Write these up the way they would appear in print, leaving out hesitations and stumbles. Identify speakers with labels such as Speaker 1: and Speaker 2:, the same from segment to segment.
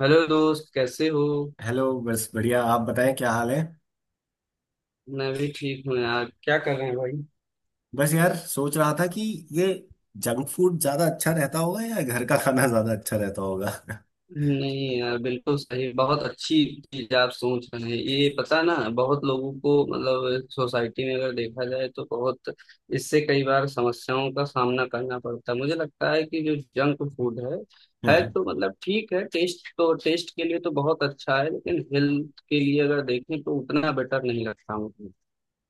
Speaker 1: Hello दोस्त, कैसे हो?
Speaker 2: हेलो। बस बढ़िया, आप बताएं क्या हाल है।
Speaker 1: मैं भी ठीक हूँ यार। क्या कर रहे हैं भाई?
Speaker 2: बस यार सोच रहा था कि ये जंक फूड ज्यादा अच्छा रहता होगा या घर का खाना ज्यादा अच्छा रहता होगा।
Speaker 1: नहीं यार, बिल्कुल सही। बहुत अच्छी चीज आप सोच रहे हैं, ये पता ना। बहुत लोगों को मतलब सोसाइटी में अगर देखा जाए तो बहुत इससे कई बार समस्याओं का सामना करना पड़ता है। मुझे लगता है कि जो जंक फूड है
Speaker 2: हाँ,
Speaker 1: तो मतलब ठीक है, टेस्ट तो टेस्ट के लिए तो बहुत अच्छा है, लेकिन हेल्थ के लिए अगर देखें तो उतना बेटर नहीं लगता मुझे।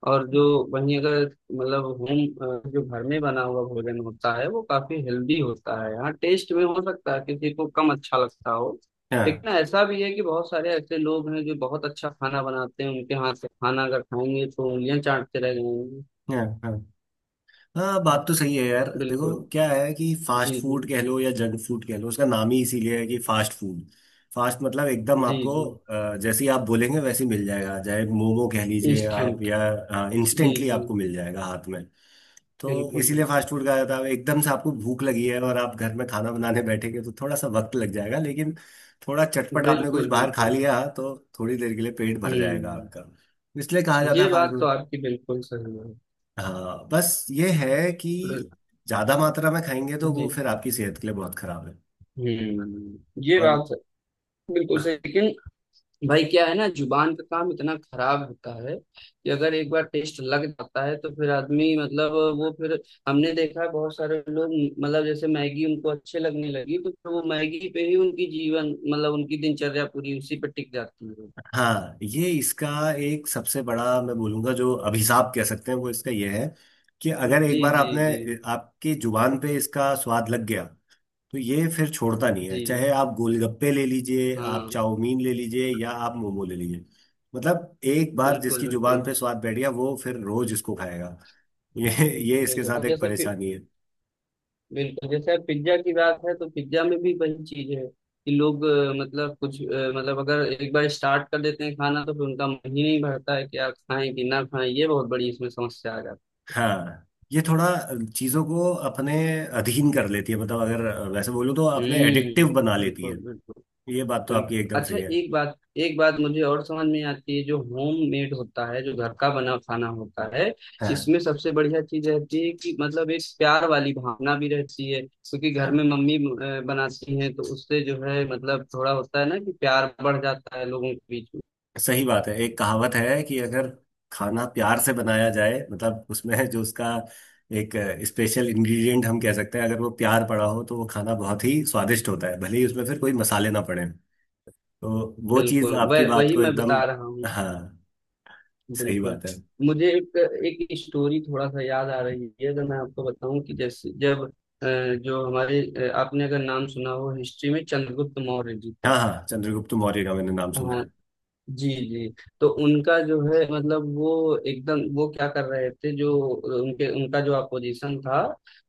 Speaker 1: और जो वहीं अगर, मतलब होम, जो घर में बना हुआ भोजन होता है वो काफी हेल्दी होता है। हाँ, टेस्ट में हो सकता है किसी को कम अच्छा लगता हो,
Speaker 2: हाँ,
Speaker 1: लेकिन ऐसा भी है कि बहुत सारे ऐसे लोग हैं जो बहुत अच्छा खाना बनाते हैं, उनके हाथ से खाना अगर खाएंगे तो उंगलियां चाटते रह जाएंगे।
Speaker 2: हाँ, हाँ, हाँ, बात तो सही है यार। देखो
Speaker 1: बिल्कुल।
Speaker 2: क्या है कि फास्ट
Speaker 1: जी जी।
Speaker 2: फूड कह लो या जंक फूड कह लो, उसका नाम ही इसीलिए है कि फास्ट फूड। फास्ट मतलब एकदम
Speaker 1: जी
Speaker 2: आपको
Speaker 1: जी।
Speaker 2: जैसे ही आप बोलेंगे वैसे ही मिल जाएगा, चाहे मोमो कह लीजिए आप
Speaker 1: इंस्टेंट।
Speaker 2: या हाँ,
Speaker 1: जी
Speaker 2: इंस्टेंटली
Speaker 1: जी।
Speaker 2: आपको मिल जाएगा हाथ में। तो
Speaker 1: बिल्कुल
Speaker 2: इसीलिए
Speaker 1: बिल्कुल।
Speaker 2: फास्ट फूड खाया था। एकदम से आपको भूख लगी है और आप घर में खाना बनाने बैठेंगे तो थोड़ा सा वक्त लग जाएगा, लेकिन थोड़ा चटपट आपने कुछ
Speaker 1: बिल्कुल
Speaker 2: बाहर खा
Speaker 1: बिल्कुल।
Speaker 2: लिया तो थोड़ी देर के लिए पेट भर जाएगा
Speaker 1: हम्म।
Speaker 2: आपका। इसलिए कहा जाता
Speaker 1: ये
Speaker 2: है फास्ट
Speaker 1: बात तो
Speaker 2: फूड।
Speaker 1: आपकी बिल्कुल सही है।
Speaker 2: हाँ, बस ये है कि
Speaker 1: बिल्कुल।
Speaker 2: ज्यादा मात्रा में खाएंगे तो
Speaker 1: जी।
Speaker 2: वो फिर आपकी सेहत के लिए बहुत खराब है।
Speaker 1: हम्म। ये
Speaker 2: और
Speaker 1: बात बिल्कुल सही, लेकिन भाई क्या है ना, जुबान का काम इतना खराब होता है कि अगर एक बार टेस्ट लग जाता है तो फिर आदमी मतलब वो फिर, हमने देखा है बहुत सारे लोग, मतलब जैसे मैगी उनको अच्छे लगने लगी तो फिर वो मैगी पे ही उनकी जीवन, मतलब उनकी दिनचर्या पूरी उसी पे टिक जाती है।
Speaker 2: हाँ, ये इसका एक सबसे बड़ा, मैं बोलूंगा, जो अभिशाप कह सकते हैं, वो इसका ये है कि अगर
Speaker 1: जी
Speaker 2: एक बार
Speaker 1: जी
Speaker 2: आपने
Speaker 1: जी।
Speaker 2: आपकी जुबान पे इसका स्वाद लग गया तो ये फिर छोड़ता नहीं है।
Speaker 1: जी।
Speaker 2: चाहे आप गोलगप्पे ले लीजिए, आप
Speaker 1: हाँ।
Speaker 2: चाउमीन ले लीजिए, या आप मोमो ले लीजिए, मतलब एक बार
Speaker 1: बिल्कुल
Speaker 2: जिसकी जुबान
Speaker 1: बिल्कुल।
Speaker 2: पे स्वाद बैठ गया वो फिर रोज इसको खाएगा। ये ये इसके
Speaker 1: बिल्कुल
Speaker 2: साथ
Speaker 1: अब
Speaker 2: एक
Speaker 1: जैसे,
Speaker 2: परेशानी है।
Speaker 1: बिल्कुल जैसे अब पिज्जा की बात है तो पिज्जा में भी वही चीज है कि लोग मतलब कुछ मतलब अगर एक बार स्टार्ट कर देते हैं खाना तो फिर उनका मन ही नहीं भरता है कि आप खाएं कि ना खाएं, ये बहुत बड़ी इसमें समस्या आ जाती
Speaker 2: हाँ, ये थोड़ा चीजों को अपने अधीन कर लेती है। मतलब अगर वैसे बोलूँ तो
Speaker 1: है।
Speaker 2: अपने
Speaker 1: हम्म।
Speaker 2: एडिक्टिव बना लेती
Speaker 1: बिल्कुल
Speaker 2: है।
Speaker 1: बिल्कुल।
Speaker 2: ये बात तो आपकी
Speaker 1: बिल्कुल।
Speaker 2: एकदम
Speaker 1: अच्छा,
Speaker 2: सही है।
Speaker 1: एक बात मुझे और समझ में आती है, जो होम मेड होता है, जो घर का बना खाना होता है,
Speaker 2: हाँ।
Speaker 1: इसमें सबसे बढ़िया चीज रहती है कि मतलब एक प्यार वाली भावना भी रहती है, क्योंकि घर में
Speaker 2: हाँ।
Speaker 1: मम्मी बनाती हैं तो उससे जो है मतलब थोड़ा होता है ना कि प्यार बढ़ जाता है लोगों के बीच में।
Speaker 2: सही बात है। एक कहावत है कि अगर खाना प्यार से बनाया जाए, मतलब उसमें जो उसका एक स्पेशल इंग्रेडिएंट हम कह सकते हैं, अगर वो प्यार पड़ा हो तो वो खाना बहुत ही स्वादिष्ट होता है, भले ही उसमें फिर कोई मसाले ना पड़े। तो वो चीज़
Speaker 1: बिल्कुल,
Speaker 2: आपकी
Speaker 1: वह
Speaker 2: बात
Speaker 1: वही
Speaker 2: को
Speaker 1: मैं
Speaker 2: एकदम,
Speaker 1: बता रहा हूँ।
Speaker 2: हाँ, सही
Speaker 1: बिल्कुल,
Speaker 2: बात है।
Speaker 1: मुझे एक एक स्टोरी थोड़ा सा याद आ रही है, अगर मैं आपको बताऊं कि जैसे जब अ, जो हमारे आपने अगर नाम सुना हो हिस्ट्री में चंद्रगुप्त मौर्य जी का।
Speaker 2: हाँ हाँ, चंद्रगुप्त मौर्य का मैंने नाम सुना
Speaker 1: हाँ।
Speaker 2: है।
Speaker 1: जी जी। तो उनका जो है मतलब वो एकदम वो क्या कर रहे थे, जो उनके उनका जो अपोजिशन था,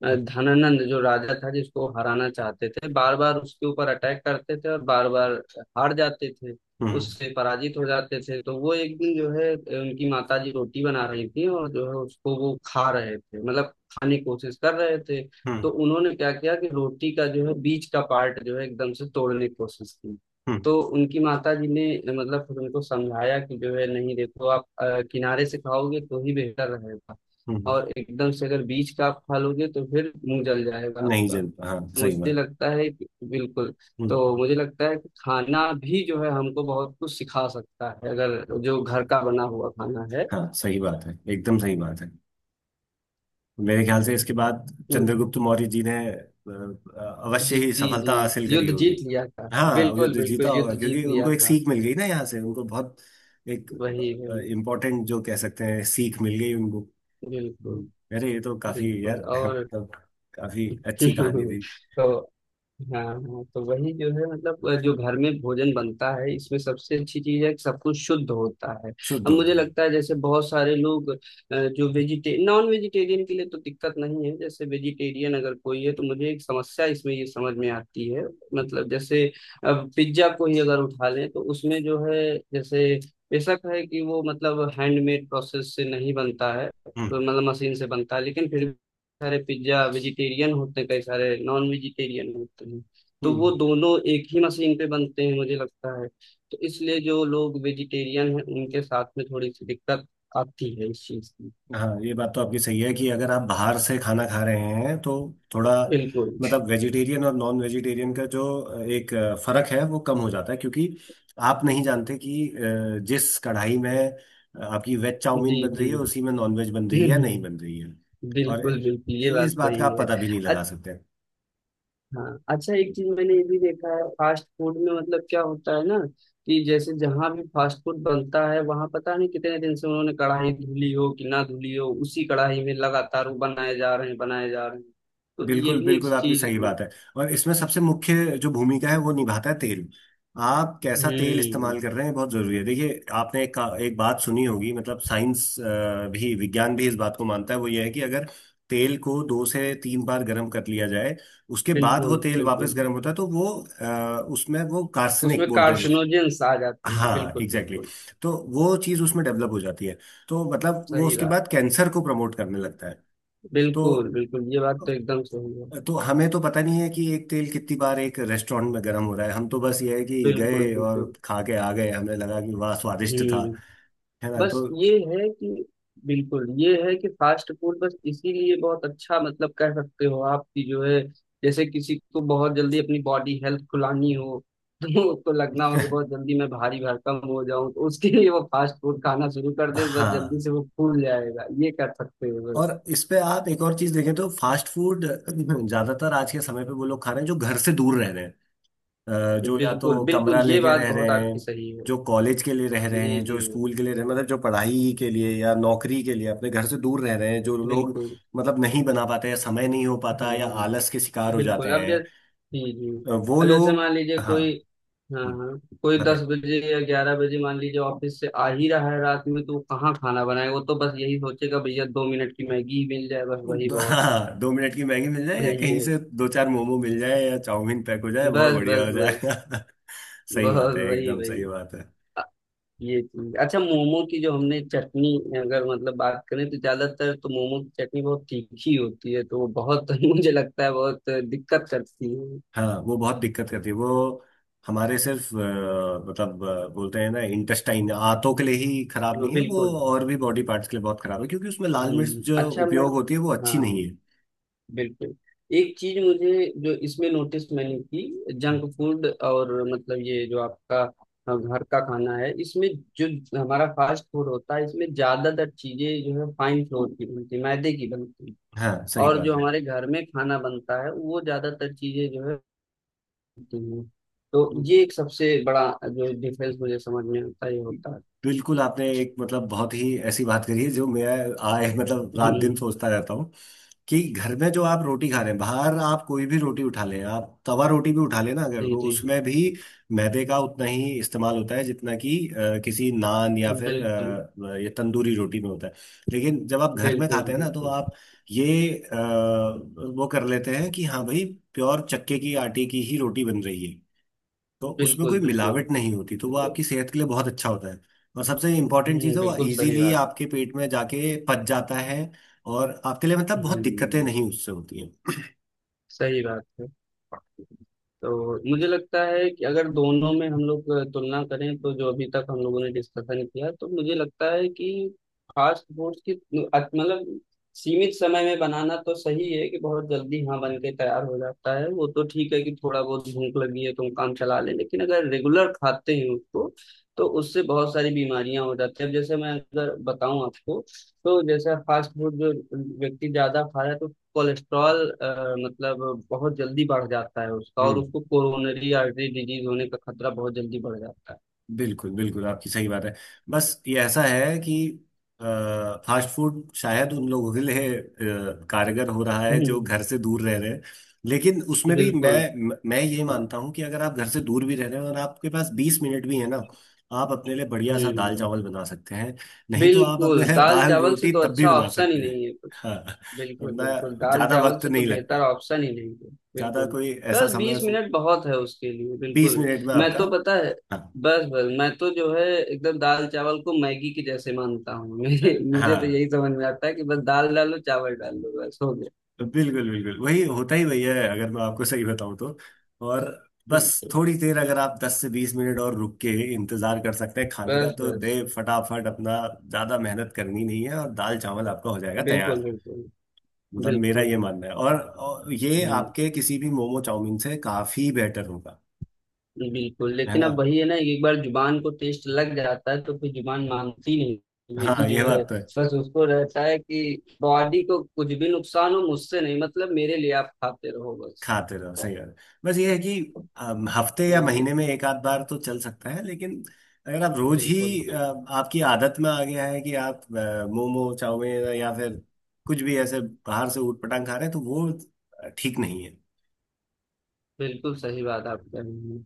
Speaker 2: हम्म।
Speaker 1: धनानंद जो राजा था जिसको हराना चाहते थे, बार बार उसके ऊपर अटैक करते थे और बार बार हार जाते थे,
Speaker 2: हम्म।
Speaker 1: उससे पराजित हो जाते थे। तो वो एक दिन जो है उनकी माता जी रोटी बना रही थी और जो है उसको वो खा रहे थे, मतलब खाने की कोशिश कर रहे थे।
Speaker 2: हम्म।
Speaker 1: तो उन्होंने क्या किया कि रोटी का जो है बीच का पार्ट जो है एकदम से तोड़ने की कोशिश की।
Speaker 2: हम्म।
Speaker 1: तो उनकी माता जी ने मतलब फिर उनको समझाया कि जो है नहीं, देखो आप किनारे से खाओगे तो ही बेहतर रहेगा,
Speaker 2: हम्म।
Speaker 1: और एकदम से अगर बीज का आप खा लोगे तो फिर मुंह जल जाएगा
Speaker 2: नहीं
Speaker 1: आपका।
Speaker 2: जल, हाँ सही
Speaker 1: मुझे
Speaker 2: बात।
Speaker 1: लगता है कि बिल्कुल।
Speaker 2: हम्म।
Speaker 1: तो मुझे लगता है कि खाना भी जो है हमको बहुत कुछ सिखा सकता है, अगर जो घर का बना हुआ खाना है।
Speaker 2: हाँ, सही बात है, एकदम सही बात है। मेरे ख्याल से इसके बाद चंद्रगुप्त मौर्य जी ने अवश्य
Speaker 1: जी
Speaker 2: ही
Speaker 1: जी जी।
Speaker 2: सफलता हासिल करी
Speaker 1: युद्ध
Speaker 2: होगी।
Speaker 1: जीत लिया था।
Speaker 2: हाँ,
Speaker 1: बिल्कुल
Speaker 2: युद्ध जीता
Speaker 1: बिल्कुल,
Speaker 2: होगा,
Speaker 1: युद्ध
Speaker 2: क्योंकि
Speaker 1: जीत लिया
Speaker 2: उनको एक
Speaker 1: था।
Speaker 2: सीख मिल गई ना, यहाँ से उनको बहुत एक
Speaker 1: वही वही।
Speaker 2: इम्पोर्टेंट जो कह सकते हैं सीख मिल गई उनको।
Speaker 1: बिल्कुल
Speaker 2: हम्म। अरे ये तो काफी यार
Speaker 1: बिल्कुल। और
Speaker 2: मतलब काफी अच्छी कहानी थी।
Speaker 1: तो हाँ हाँ, तो वही जो है मतलब जो घर में भोजन बनता है, इसमें सबसे अच्छी चीज है कि सब कुछ शुद्ध होता है।
Speaker 2: शुद्ध
Speaker 1: अब मुझे
Speaker 2: होता है।
Speaker 1: लगता है जैसे बहुत सारे लोग जो वेजिटे नॉन वेजिटेरियन के लिए तो दिक्कत नहीं है, जैसे वेजिटेरियन अगर कोई है तो मुझे एक समस्या इसमें ये समझ में आती है। मतलब जैसे अब पिज्जा को ही अगर उठा लें तो उसमें जो है, जैसे, बेशक है कि वो मतलब हैंडमेड प्रोसेस से नहीं बनता है, तो
Speaker 2: हम्म।
Speaker 1: मतलब मशीन से बनता है, लेकिन फिर सारे पिज्जा वेजिटेरियन होते हैं, कई सारे नॉन वेजिटेरियन होते हैं। तो वो
Speaker 2: हम्म।
Speaker 1: दोनों एक ही मशीन पे बनते हैं, मुझे लगता है। तो इसलिए जो लोग वेजिटेरियन हैं उनके साथ में थोड़ी सी दिक्कत आती है इस चीज की।
Speaker 2: हाँ, ये बात तो आपकी सही है कि अगर आप बाहर से खाना खा रहे हैं तो थोड़ा,
Speaker 1: बिल्कुल।
Speaker 2: मतलब वेजिटेरियन और नॉन वेजिटेरियन का जो एक फर्क है वो कम हो जाता है, क्योंकि आप नहीं जानते कि जिस कढ़ाई में आपकी वेज
Speaker 1: जी
Speaker 2: चाउमीन बन
Speaker 1: जी।
Speaker 2: रही है उसी में नॉन वेज बन रही है या नहीं बन रही है। और
Speaker 1: बिल्कुल बिल्कुल, ये बात
Speaker 2: इस बात का
Speaker 1: सही
Speaker 2: आप
Speaker 1: है।
Speaker 2: पता भी नहीं
Speaker 1: अच्छा।
Speaker 2: लगा सकते।
Speaker 1: हाँ, अच्छा, एक चीज मैंने ये भी देखा है फास्ट फूड में, मतलब क्या होता है ना कि जैसे जहां भी फास्ट फूड बनता है वहां पता नहीं कितने दिन से उन्होंने कढ़ाई धुली हो कि ना धुली हो, उसी कढ़ाई में लगातार वो बनाए जा रहे हैं बनाए जा रहे हैं। तो ये
Speaker 2: बिल्कुल
Speaker 1: भी एक
Speaker 2: बिल्कुल, आपकी
Speaker 1: चीज।
Speaker 2: सही बात है। और इसमें सबसे मुख्य जो भूमिका है वो निभाता है तेल। आप कैसा तेल
Speaker 1: हम्म।
Speaker 2: इस्तेमाल कर रहे हैं बहुत जरूरी है। देखिए, आपने एक बात सुनी होगी, मतलब साइंस भी, विज्ञान भी इस बात को मानता है। वो ये है कि अगर तेल को 2 से 3 बार गर्म कर लिया जाए, उसके बाद वो
Speaker 1: बिल्कुल
Speaker 2: तेल वापस
Speaker 1: बिल्कुल,
Speaker 2: गर्म होता है तो वो उसमें वो कार्सनिक
Speaker 1: उसमें
Speaker 2: बोलते हैं
Speaker 1: कार्सिनोजेंस आ जाते हैं।
Speaker 2: हाँ
Speaker 1: बिल्कुल
Speaker 2: एग्जैक्टली
Speaker 1: बिल्कुल।
Speaker 2: exactly। तो वो चीज़ उसमें डेवलप हो जाती है। तो मतलब वो
Speaker 1: सही
Speaker 2: उसके
Speaker 1: बात
Speaker 2: बाद
Speaker 1: है।
Speaker 2: कैंसर को प्रमोट करने लगता है। तो
Speaker 1: बिल्कुल बिल्कुल, ये बात तो एकदम सही है।
Speaker 2: तो हमें तो पता नहीं है कि एक तेल कितनी बार एक रेस्टोरेंट में गर्म हो रहा है। हम तो बस ये है कि
Speaker 1: बिल्कुल
Speaker 2: गए और
Speaker 1: बिल्कुल।
Speaker 2: खा के आ गए, हमें लगा कि वाह स्वादिष्ट था।
Speaker 1: हम्म।
Speaker 2: है ना।
Speaker 1: बस
Speaker 2: तो
Speaker 1: ये है कि बिल्कुल, ये है कि फास्ट फूड बस इसीलिए बहुत अच्छा, मतलब कह सकते हो, आपकी जो है, जैसे किसी को बहुत जल्दी अपनी बॉडी हेल्थ खुलानी हो, तो उसको लगना हो कि बहुत जल्दी मैं भारी भरकम हो जाऊं तो उसके लिए वो फास्ट फूड खाना शुरू कर दे, बस जल्दी
Speaker 2: हाँ।
Speaker 1: से वो फूल जाएगा, ये कर सकते हो
Speaker 2: और
Speaker 1: बस।
Speaker 2: इस पे आप एक और चीज देखें तो फास्ट फूड ज्यादातर आज के समय पे वो लोग खा रहे हैं जो घर से दूर रह रहे हैं। जो या
Speaker 1: बिल्कुल
Speaker 2: तो
Speaker 1: बिल्कुल,
Speaker 2: कमरा
Speaker 1: ये
Speaker 2: लेके
Speaker 1: बात
Speaker 2: रह रहे
Speaker 1: बहुत
Speaker 2: हैं,
Speaker 1: आपकी सही है।
Speaker 2: जो कॉलेज के लिए रह
Speaker 1: जी
Speaker 2: रहे हैं,
Speaker 1: जी।
Speaker 2: जो स्कूल के लिए रह मतलब जो पढ़ाई के लिए या नौकरी के लिए अपने घर से दूर रह रहे हैं, जो लोग
Speaker 1: बिल्कुल।
Speaker 2: मतलब नहीं बना पाते हैं, समय नहीं हो पाता या आलस
Speaker 1: हम्म।
Speaker 2: के शिकार हो जाते
Speaker 1: बिल्कुल, अब
Speaker 2: हैं,
Speaker 1: जैसे, जी जी,
Speaker 2: वो
Speaker 1: अब जैसे
Speaker 2: लोग,
Speaker 1: मान लीजिए
Speaker 2: हाँ,
Speaker 1: कोई, हाँ
Speaker 2: हम्म,
Speaker 1: हाँ। कोई दस
Speaker 2: बताइए।
Speaker 1: बजे या 11 बजे मान लीजिए ऑफिस से आ ही रहा है रात में, तो वो कहाँ खाना बनाए? वो तो बस यही सोचेगा भैया 2 मिनट की मैगी ही मिल जाए, बस वही बहुत
Speaker 2: हाँ, 2 मिनट की मैगी मिल जाए या
Speaker 1: है।
Speaker 2: कहीं
Speaker 1: ये
Speaker 2: से दो चार मोमो मिल जाए या चाउमीन पैक हो जाए, बहुत
Speaker 1: बस
Speaker 2: बढ़िया
Speaker 1: बस
Speaker 2: हो
Speaker 1: बस।
Speaker 2: जाएगा। सही बात
Speaker 1: बहुत
Speaker 2: है,
Speaker 1: वही
Speaker 2: एकदम सही
Speaker 1: वही।
Speaker 2: बात है।
Speaker 1: अ, ये चीज, अच्छा, मोमो की जो हमने चटनी अगर मतलब बात करें तो ज्यादातर तो मोमो की चटनी बहुत तीखी होती है, तो वो बहुत मुझे लगता है बहुत दिक्कत करती है।
Speaker 2: हाँ, वो बहुत दिक्कत करती है वो। हमारे सिर्फ मतलब बोलते हैं ना, इंटेस्टाइन, आंतों के लिए ही खराब
Speaker 1: वो,
Speaker 2: नहीं है वो,
Speaker 1: बिल्कुल।
Speaker 2: और भी बॉडी पार्ट्स के लिए बहुत खराब है, क्योंकि उसमें लाल मिर्च जो
Speaker 1: अच्छा, मैं,
Speaker 2: उपयोग होती है वो अच्छी
Speaker 1: हाँ,
Speaker 2: नहीं है।
Speaker 1: बिल्कुल, एक चीज मुझे, जो इसमें नोटिस मैंने की, जंक फूड और मतलब ये जो आपका घर का खाना है, इसमें जो हमारा फास्ट फूड होता है, इसमें ज्यादातर चीजें जो है फाइन फ्लोर की बनती है, मैदे की बनती है,
Speaker 2: हाँ सही
Speaker 1: और
Speaker 2: बात
Speaker 1: जो हमारे घर में खाना बनता है वो ज्यादातर चीजें जो है होती हैं। तो
Speaker 2: है।
Speaker 1: ये एक सबसे बड़ा जो डिफरेंस मुझे समझ में आता है, ये होता है।
Speaker 2: बिल्कुल, आपने एक मतलब बहुत ही ऐसी बात करी है जो मैं आए मतलब रात दिन
Speaker 1: हम्म।
Speaker 2: सोचता रहता हूँ कि घर में जो आप रोटी खा रहे हैं, बाहर आप कोई भी रोटी उठा लें, आप तवा रोटी भी उठा लें ना अगर,
Speaker 1: जी
Speaker 2: तो
Speaker 1: जी।
Speaker 2: उसमें भी मैदे का उतना ही इस्तेमाल होता है जितना कि किसी नान या फिर
Speaker 1: बिल्कुल
Speaker 2: ये तंदूरी रोटी में होता है। लेकिन जब आप घर में खाते
Speaker 1: बिल्कुल।
Speaker 2: हैं ना तो
Speaker 1: बिल्कुल
Speaker 2: आप ये वो कर लेते हैं कि हाँ भाई, प्योर चक्के की आटे की ही रोटी बन रही है, तो उसमें कोई
Speaker 1: बिल्कुल। बिल्कुल।
Speaker 2: मिलावट नहीं होती, तो वो आपकी सेहत के लिए बहुत अच्छा होता है। और सबसे इम्पोर्टेंट चीज़
Speaker 1: हम्म।
Speaker 2: है वो
Speaker 1: बिल्कुल सही
Speaker 2: इजीली
Speaker 1: बात।
Speaker 2: आपके पेट में जाके पच जाता है। और आपके लिए मतलब बहुत दिक्कतें
Speaker 1: हम्म।
Speaker 2: नहीं उससे होती हैं।
Speaker 1: सही बात है। तो मुझे लगता है कि अगर दोनों में हम लोग तुलना करें, तो जो अभी तक हम लोगों ने डिस्कशन किया, तो मुझे लगता है कि फास्ट फूड की मतलब सीमित समय में बनाना तो सही है कि बहुत जल्दी, हाँ, बन के तैयार हो जाता है, वो तो ठीक है कि थोड़ा बहुत भूख लगी है तो हम काम चला लें, लेकिन अगर रेगुलर खाते हैं उसको, तो उससे बहुत सारी बीमारियां हो जाती है। अब जैसे मैं अगर बताऊं आपको, तो जैसे फास्ट फूड जो व्यक्ति ज्यादा खा रहा है, तो कोलेस्ट्रॉल मतलब बहुत जल्दी बढ़ जाता है उसका, और
Speaker 2: हम्म,
Speaker 1: उसको कोरोनरी आर्टरी डिजीज होने का खतरा बहुत जल्दी बढ़ जाता है।
Speaker 2: बिल्कुल बिल्कुल, आपकी सही बात है। बस ये ऐसा है कि फास्ट फूड शायद उन लोगों के लिए कारगर हो रहा है जो
Speaker 1: हम्म।
Speaker 2: घर से दूर रह रहे हैं, लेकिन उसमें भी
Speaker 1: बिल्कुल।
Speaker 2: मैं ये मानता हूँ कि अगर आप घर से दूर भी रह रहे हैं और आपके पास 20 मिनट भी है ना, आप अपने लिए बढ़िया सा दाल
Speaker 1: हम्म।
Speaker 2: चावल बना सकते हैं, नहीं तो आप
Speaker 1: बिल्कुल,
Speaker 2: अपने लिए
Speaker 1: दाल
Speaker 2: दाल
Speaker 1: चावल से
Speaker 2: रोटी
Speaker 1: तो
Speaker 2: तब भी
Speaker 1: अच्छा
Speaker 2: बना
Speaker 1: ऑप्शन ही
Speaker 2: सकते हैं।
Speaker 1: नहीं है कुछ।
Speaker 2: हाँ
Speaker 1: बिल्कुल
Speaker 2: अपना,
Speaker 1: बिल्कुल, दाल
Speaker 2: ज्यादा
Speaker 1: चावल
Speaker 2: वक्त
Speaker 1: से तो
Speaker 2: नहीं
Speaker 1: बेहतर
Speaker 2: लगता,
Speaker 1: ऑप्शन ही नहीं है।
Speaker 2: ज्यादा
Speaker 1: बिल्कुल।
Speaker 2: कोई ऐसा
Speaker 1: बस
Speaker 2: समय,
Speaker 1: 20 मिनट बहुत है उसके लिए,
Speaker 2: बीस
Speaker 1: बिल्कुल।
Speaker 2: मिनट में
Speaker 1: मैं
Speaker 2: आपका
Speaker 1: तो, पता है,
Speaker 2: हाँ
Speaker 1: बस बस मैं तो जो है एकदम दाल चावल को मैगी के जैसे मानता हूँ। मेरे मुझे तो
Speaker 2: हाँ
Speaker 1: यही समझ में आता है कि बस दाल डालो, चावल डालो, बस हो
Speaker 2: बिल्कुल बिल्कुल, वही होता ही वही है अगर मैं आपको सही बताऊं तो। और बस
Speaker 1: गया।
Speaker 2: थोड़ी देर अगर आप 10 से 20 मिनट और रुक के इंतजार कर सकते हैं खाने का
Speaker 1: बस
Speaker 2: तो
Speaker 1: बस।
Speaker 2: दे फटाफट अपना, ज्यादा मेहनत करनी नहीं है और दाल चावल आपका हो जाएगा
Speaker 1: बिल्कुल
Speaker 2: तैयार।
Speaker 1: बिल्कुल।
Speaker 2: मतलब मेरा ये
Speaker 1: बिल्कुल।
Speaker 2: मानना है, और ये
Speaker 1: हम्म।
Speaker 2: आपके किसी भी मोमो चाउमीन से काफी बेटर होगा।
Speaker 1: बिल्कुल।
Speaker 2: है
Speaker 1: लेकिन
Speaker 2: ना।
Speaker 1: अब वही है ना, एक बार जुबान को टेस्ट लग जाता है तो फिर जुबान मानती नहीं है, कि
Speaker 2: हाँ ये
Speaker 1: जो है
Speaker 2: बात तो है।
Speaker 1: बस उसको रहता है कि बॉडी को कुछ भी नुकसान हो मुझसे नहीं, मतलब मेरे लिए आप खाते रहो बस।
Speaker 2: खाते रहो, सही बात है। बस ये है कि हफ्ते या
Speaker 1: ये
Speaker 2: महीने में एक आध बार तो चल सकता है, लेकिन अगर आप रोज
Speaker 1: बिल्कुल
Speaker 2: ही आपकी आदत में आ गया है कि आप मोमो चाउमीन या फिर कुछ भी ऐसे बाहर से ऊट पटांग खा रहे हैं, तो वो ठीक नहीं है।
Speaker 1: बिल्कुल, सही बात आप कह रहे हैं।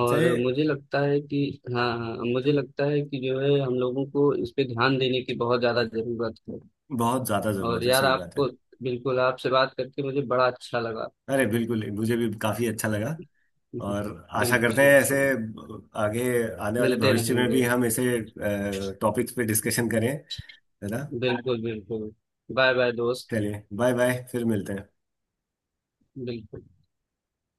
Speaker 1: और
Speaker 2: सही,
Speaker 1: मुझे लगता है कि, हाँ हाँ, मुझे लगता है कि जो है हम लोगों को इस पे ध्यान देने की बहुत ज्यादा जरूरत है।
Speaker 2: बहुत ज्यादा
Speaker 1: और
Speaker 2: जरूरत है,
Speaker 1: यार
Speaker 2: सही बात है।
Speaker 1: आपको, बिल्कुल, आपसे बात करके मुझे बड़ा अच्छा लगा।
Speaker 2: अरे बिल्कुल, मुझे भी काफी अच्छा लगा।
Speaker 1: हम्म।
Speaker 2: और आशा
Speaker 1: बिल्कुल
Speaker 2: करते हैं ऐसे
Speaker 1: बिल्कुल।
Speaker 2: आगे आने वाले
Speaker 1: मिलते
Speaker 2: भविष्य में भी
Speaker 1: रहेंगे।
Speaker 2: हम ऐसे टॉपिक्स पे डिस्कशन करें। है ना।
Speaker 1: बिल्कुल बिल्कुल। बाय बाय दोस्त।
Speaker 2: चलिए बाय बाय, फिर मिलते हैं।
Speaker 1: बिल्कुल।